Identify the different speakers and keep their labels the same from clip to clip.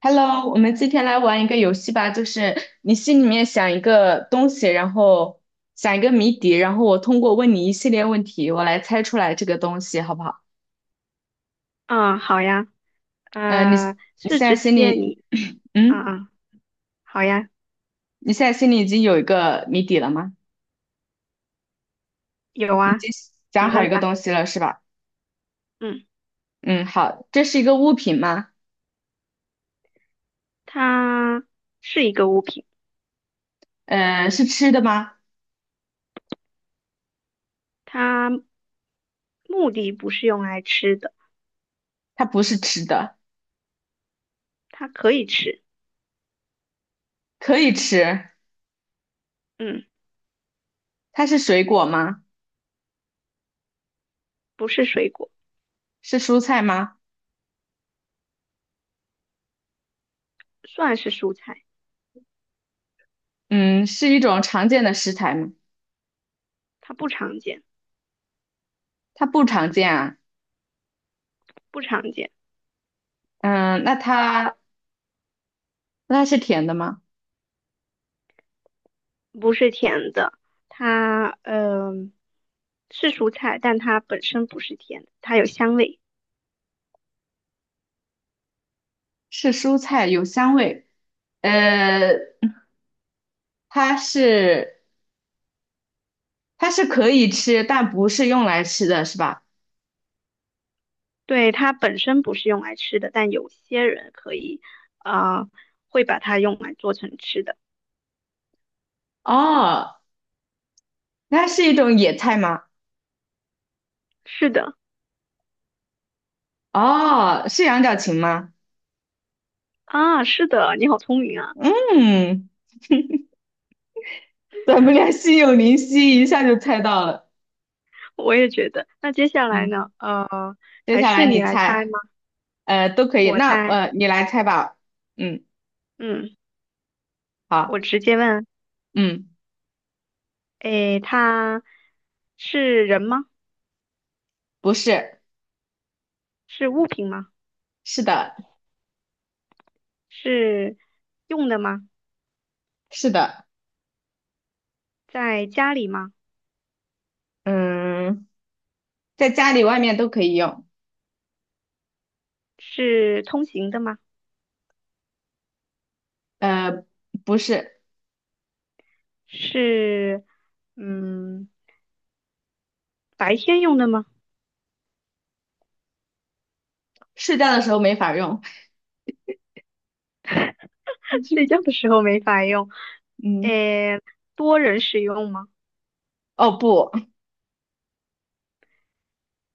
Speaker 1: Hello，我们今天来玩一个游戏吧，就是你心里面想一个东西，然后想一个谜底，然后我通过问你一系列问题，我来猜出来这个东西，好不好？
Speaker 2: 啊，好呀，
Speaker 1: 嗯，你你
Speaker 2: 是
Speaker 1: 现在
Speaker 2: 直
Speaker 1: 心
Speaker 2: 接
Speaker 1: 里，
Speaker 2: 你 啊
Speaker 1: 嗯，
Speaker 2: 啊，好呀，
Speaker 1: 你现在心里已经有一个谜底了吗？
Speaker 2: 有
Speaker 1: 你已
Speaker 2: 啊，
Speaker 1: 经想
Speaker 2: 你
Speaker 1: 好
Speaker 2: 问
Speaker 1: 一个
Speaker 2: 吧。
Speaker 1: 东西了，是吧？
Speaker 2: 嗯，
Speaker 1: 嗯，好，这是一个物品吗？
Speaker 2: 它是一个物品，
Speaker 1: 嗯，是吃的吗？
Speaker 2: 它目的不是用来吃的，
Speaker 1: 它不是吃的，
Speaker 2: 它可以吃，
Speaker 1: 可以吃。
Speaker 2: 嗯，
Speaker 1: 它是水果吗？
Speaker 2: 不是水果，
Speaker 1: 是蔬菜吗？
Speaker 2: 算是蔬菜，
Speaker 1: 嗯，是一种常见的食材吗？
Speaker 2: 它不常见，
Speaker 1: 它不常见啊。
Speaker 2: 不常见，
Speaker 1: 嗯，那它那它是甜的吗？
Speaker 2: 不是甜的，它是蔬菜，但它本身不是甜的，它有香味。
Speaker 1: 是蔬菜，有香味。呃，它是可以吃，但不是用来吃的，是吧？
Speaker 2: 对，它本身不是用来吃的，但有些人可以，啊、会把它用来做成吃的。
Speaker 1: 哦，那是一种野菜吗？
Speaker 2: 是的，
Speaker 1: 哦，是羊角芹吗？
Speaker 2: 啊，是的，你好聪明啊，
Speaker 1: 嗯，咱们俩心有灵犀，一下就猜到了。
Speaker 2: 我也觉得。那接下来
Speaker 1: 嗯，
Speaker 2: 呢？
Speaker 1: 接
Speaker 2: 还
Speaker 1: 下来
Speaker 2: 是
Speaker 1: 你
Speaker 2: 你来猜
Speaker 1: 猜，
Speaker 2: 吗？
Speaker 1: 呃，都可以。
Speaker 2: 我
Speaker 1: 那
Speaker 2: 猜，
Speaker 1: 你来猜吧。嗯，
Speaker 2: 嗯，我
Speaker 1: 好，
Speaker 2: 直接问，
Speaker 1: 嗯，
Speaker 2: 诶，它是人吗？
Speaker 1: 不是，
Speaker 2: 是物品吗？
Speaker 1: 是的，
Speaker 2: 是用的吗？
Speaker 1: 是的，
Speaker 2: 在家里吗？
Speaker 1: 嗯。在家里外面都可以用。
Speaker 2: 是通行的吗？
Speaker 1: 呃，不是，
Speaker 2: 是，嗯，白天用的吗？
Speaker 1: 睡觉的时候没法用。
Speaker 2: 睡觉的时候没法用。
Speaker 1: 嗯，
Speaker 2: 诶，多人使用吗？
Speaker 1: 哦不，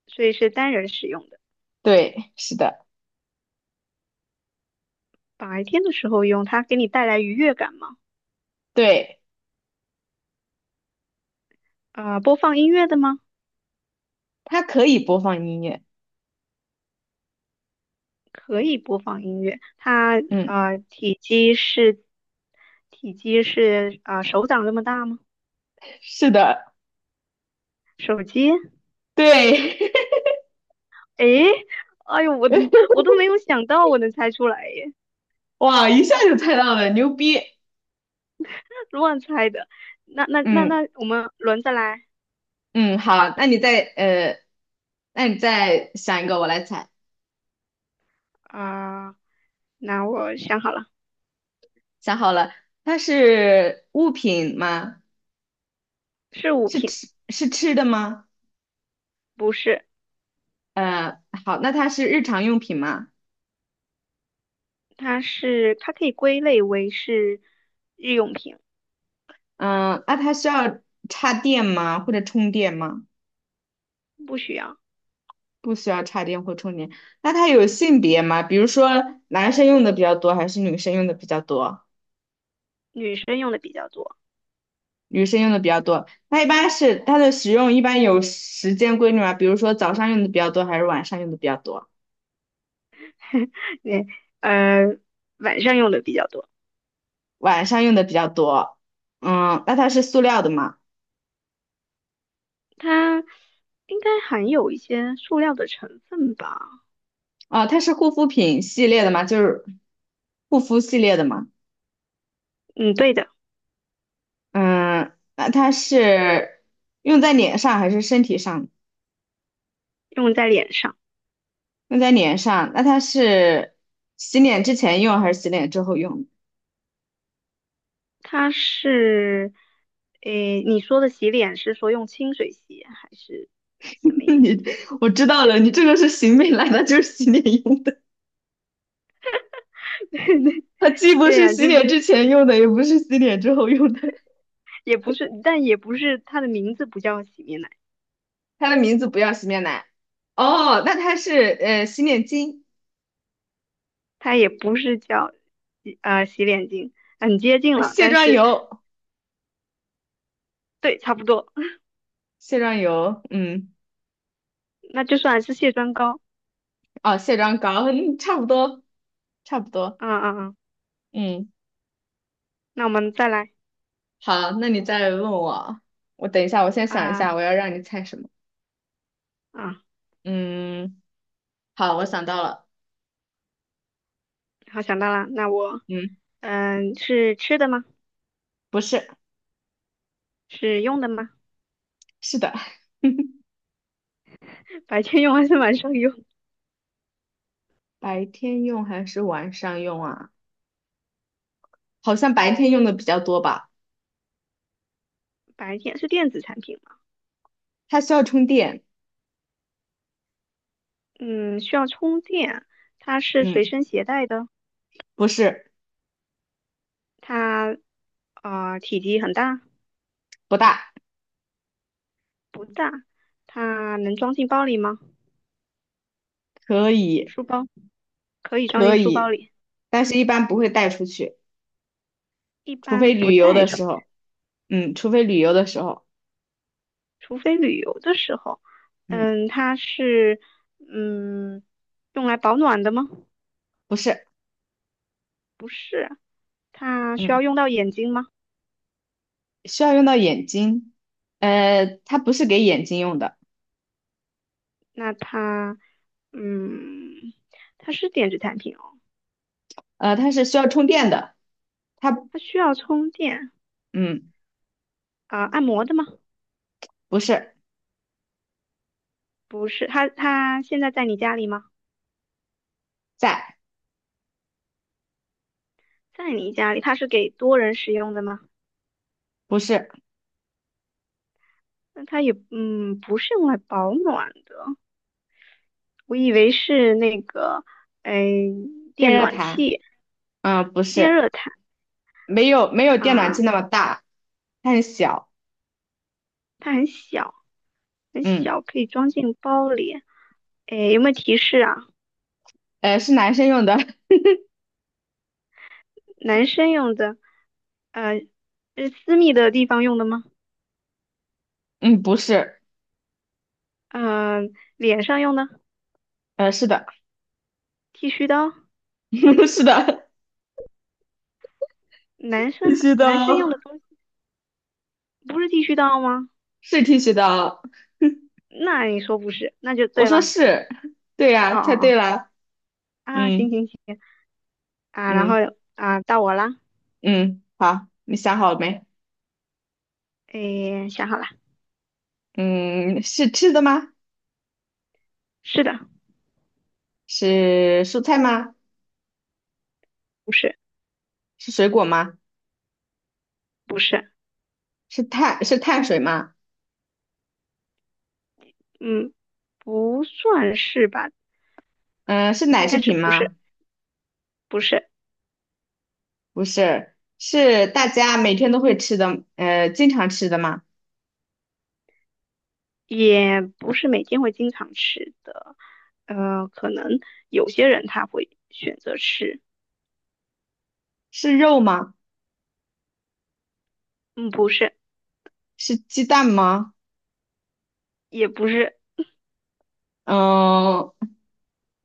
Speaker 2: 所以是单人使用的。
Speaker 1: 对，是的，
Speaker 2: 白天的时候用，它给你带来愉悦感吗？
Speaker 1: 对，
Speaker 2: 播放音乐的吗？
Speaker 1: 它可以播放音乐。
Speaker 2: 可以播放音乐。它
Speaker 1: 嗯，
Speaker 2: 体积是体积是手掌这么大吗？
Speaker 1: 是的，
Speaker 2: 手机？
Speaker 1: 对，
Speaker 2: 诶，哎呦，我都没有想到我能猜出来耶，
Speaker 1: 哇，一下就猜到了，牛逼。
Speaker 2: 乱猜的。那那那
Speaker 1: 嗯
Speaker 2: 那，我们轮着来
Speaker 1: 嗯，好，那你再那你再想一个，我来猜。
Speaker 2: 啊，那我想好了，
Speaker 1: 想好了，它是物品吗？
Speaker 2: 是物
Speaker 1: 是
Speaker 2: 品，
Speaker 1: 吃是吃的吗？
Speaker 2: 不是。
Speaker 1: 好，那它是日常用品吗？
Speaker 2: 它可以归类为是日用品，
Speaker 1: 嗯，那它需要插电吗？或者充电吗？
Speaker 2: 不需要，
Speaker 1: 不需要插电或充电。那它有性别吗？比如说男生用的比较多，还是女生用的比较多？
Speaker 2: 女生用的比较多，
Speaker 1: 女生用的比较多。那一般是它的使用一般有时间规律吗？比如说早上用的比较多，还是晚上用的比较多？
Speaker 2: 对，呃，晚上用的比较多。
Speaker 1: 晚上用的比较多。嗯，那它是塑料的吗？
Speaker 2: 它应该含有一些塑料的成分吧？
Speaker 1: 啊，它是护肤品系列的吗？就是护肤系列的吗？
Speaker 2: 嗯，对的，
Speaker 1: 嗯，那它是用在脸上还是身体上？
Speaker 2: 用在脸上。
Speaker 1: 用在脸上，那它是洗脸之前用还是洗脸之后用？
Speaker 2: 它是，诶，你说的洗脸是说用清水洗还是什么 意
Speaker 1: 你，
Speaker 2: 思？
Speaker 1: 我知道了，你这个是洗面奶，它就是洗脸用的，它既不
Speaker 2: 对
Speaker 1: 是
Speaker 2: 呀，
Speaker 1: 洗
Speaker 2: 就
Speaker 1: 脸
Speaker 2: 是
Speaker 1: 之前用的，也不是洗脸之后用的，
Speaker 2: 也不是，但也不是它的名字不叫洗面奶。
Speaker 1: 它的名字不要洗面奶。哦，那它是洗脸巾、
Speaker 2: 它也不是叫洗洗脸巾，很接近了，
Speaker 1: 卸
Speaker 2: 但
Speaker 1: 妆
Speaker 2: 是
Speaker 1: 油、
Speaker 2: 对，差不多，
Speaker 1: 卸妆油，嗯，
Speaker 2: 那就算是卸妆膏。
Speaker 1: 哦，卸妆膏，嗯，差不多，差不多，
Speaker 2: 嗯嗯嗯，
Speaker 1: 嗯，
Speaker 2: 那我们再来
Speaker 1: 好，那你再问我，我等一下，我先想一下，我
Speaker 2: 啊
Speaker 1: 要让你猜什么？
Speaker 2: 啊，
Speaker 1: 嗯，好，我想到了，
Speaker 2: 好想到了，那我
Speaker 1: 嗯，
Speaker 2: 嗯是吃的吗？
Speaker 1: 不是。
Speaker 2: 是用的吗？
Speaker 1: 是的，
Speaker 2: 白天用还是晚上用？
Speaker 1: 白天用还是晚上用啊？好像白天用的比较多吧。
Speaker 2: 白天是电子产品吗？
Speaker 1: 它需要充电，
Speaker 2: 嗯，需要充电，它是随
Speaker 1: 嗯，
Speaker 2: 身携带的，
Speaker 1: 不是，
Speaker 2: 它体积很大，
Speaker 1: 不大，
Speaker 2: 不大，它能装进包里吗？
Speaker 1: 可以，
Speaker 2: 书包可以装
Speaker 1: 可
Speaker 2: 进书包
Speaker 1: 以，
Speaker 2: 里，
Speaker 1: 但是一般不会带出去，
Speaker 2: 一
Speaker 1: 除非
Speaker 2: 般不
Speaker 1: 旅游
Speaker 2: 带。
Speaker 1: 的时候，嗯，除非旅游的时候，
Speaker 2: 除非旅游的时候，
Speaker 1: 嗯，
Speaker 2: 嗯，它是嗯用来保暖的吗？
Speaker 1: 不是，
Speaker 2: 不是，它需
Speaker 1: 嗯，
Speaker 2: 要用到眼睛吗？
Speaker 1: 需要用到眼睛，它不是给眼睛用的，
Speaker 2: 那它嗯，它是电子产品哦，
Speaker 1: 它是需要充电的，它，
Speaker 2: 它需要充电
Speaker 1: 嗯，
Speaker 2: 啊，按摩的吗？
Speaker 1: 不是，
Speaker 2: 不是，它现在在你家里吗？
Speaker 1: 在，
Speaker 2: 在你家里，它是给多人使用的吗？
Speaker 1: 不是
Speaker 2: 那它也嗯不是用来保暖的，我以为是那个哎
Speaker 1: 电
Speaker 2: 电
Speaker 1: 热
Speaker 2: 暖
Speaker 1: 毯，
Speaker 2: 器、
Speaker 1: 嗯，不
Speaker 2: 电
Speaker 1: 是。
Speaker 2: 热毯
Speaker 1: 没有电暖
Speaker 2: 啊，
Speaker 1: 气那么大，它很小。
Speaker 2: 它很小。很
Speaker 1: 嗯，
Speaker 2: 小，可以装进包里。诶，有没有提示啊？
Speaker 1: 是男生用的。
Speaker 2: 男生用的，呃，是私密的地方用的吗？
Speaker 1: 嗯，不是，
Speaker 2: 脸上用的
Speaker 1: 是的，
Speaker 2: 剃须刀，
Speaker 1: 是的，
Speaker 2: 男
Speaker 1: 剃
Speaker 2: 生
Speaker 1: 须
Speaker 2: 男生用的
Speaker 1: 刀
Speaker 2: 东西不是剃须刀吗？
Speaker 1: 是剃须刀。
Speaker 2: 那你说不是，那就
Speaker 1: 我
Speaker 2: 对
Speaker 1: 说
Speaker 2: 了。
Speaker 1: 是，对呀、
Speaker 2: 哦
Speaker 1: 猜
Speaker 2: 哦哦，
Speaker 1: 对了。
Speaker 2: 啊，行
Speaker 1: 嗯
Speaker 2: 行行啊，然后
Speaker 1: 嗯
Speaker 2: 啊，到我啦。
Speaker 1: 嗯，好，你想好了没？
Speaker 2: 诶，想好了，
Speaker 1: 嗯，是吃的吗？
Speaker 2: 是的，
Speaker 1: 是蔬菜吗？
Speaker 2: 不是，
Speaker 1: 是水果吗？
Speaker 2: 不是，
Speaker 1: 是碳水吗？
Speaker 2: 嗯，不算是吧？
Speaker 1: 嗯，是奶
Speaker 2: 应
Speaker 1: 制
Speaker 2: 该是
Speaker 1: 品
Speaker 2: 不是，
Speaker 1: 吗？
Speaker 2: 不是。
Speaker 1: 不是，是大家每天都会吃的，经常吃的吗？
Speaker 2: 也不是每天会经常吃的，可能有些人他会选择吃，
Speaker 1: 是肉吗？
Speaker 2: 嗯，不是，
Speaker 1: 是鸡蛋吗？
Speaker 2: 也不是
Speaker 1: 嗯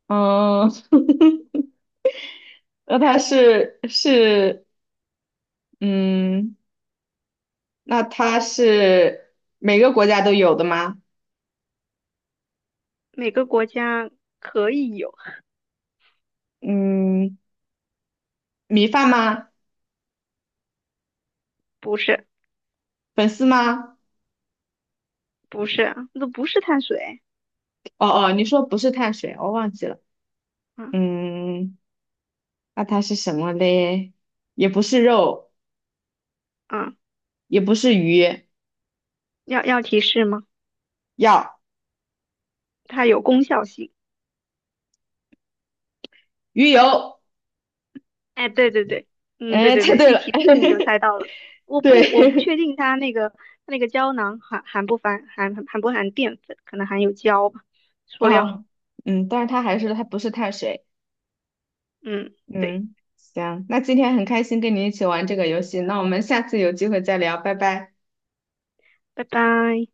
Speaker 1: 嗯，那它是嗯，那它是每个国家都有的吗？
Speaker 2: 每个国家可以有，
Speaker 1: 嗯，米饭吗？
Speaker 2: 不是，
Speaker 1: 粉丝吗？
Speaker 2: 不是啊，那不是碳水，
Speaker 1: 哦哦，你说不是碳水，我忘记了。
Speaker 2: 嗯
Speaker 1: 嗯，那它是什么嘞？也不是肉，
Speaker 2: 嗯，
Speaker 1: 也不是鱼，
Speaker 2: 要要提示吗？
Speaker 1: 要
Speaker 2: 它有功效性，
Speaker 1: 鱼油。
Speaker 2: 哎，对对对，嗯，对
Speaker 1: 哎，
Speaker 2: 对
Speaker 1: 猜
Speaker 2: 对，
Speaker 1: 对
Speaker 2: 一
Speaker 1: 了，
Speaker 2: 提示你就猜到了，我不
Speaker 1: 对
Speaker 2: 确定它那个它那个胶囊含不含淀粉，可能含有胶吧，塑料，
Speaker 1: 啊，嗯，但是它还是它不是碳水。
Speaker 2: 嗯，对，
Speaker 1: 嗯，行，那今天很开心跟你一起玩这个游戏，那我们下次有机会再聊，拜拜。
Speaker 2: 拜拜。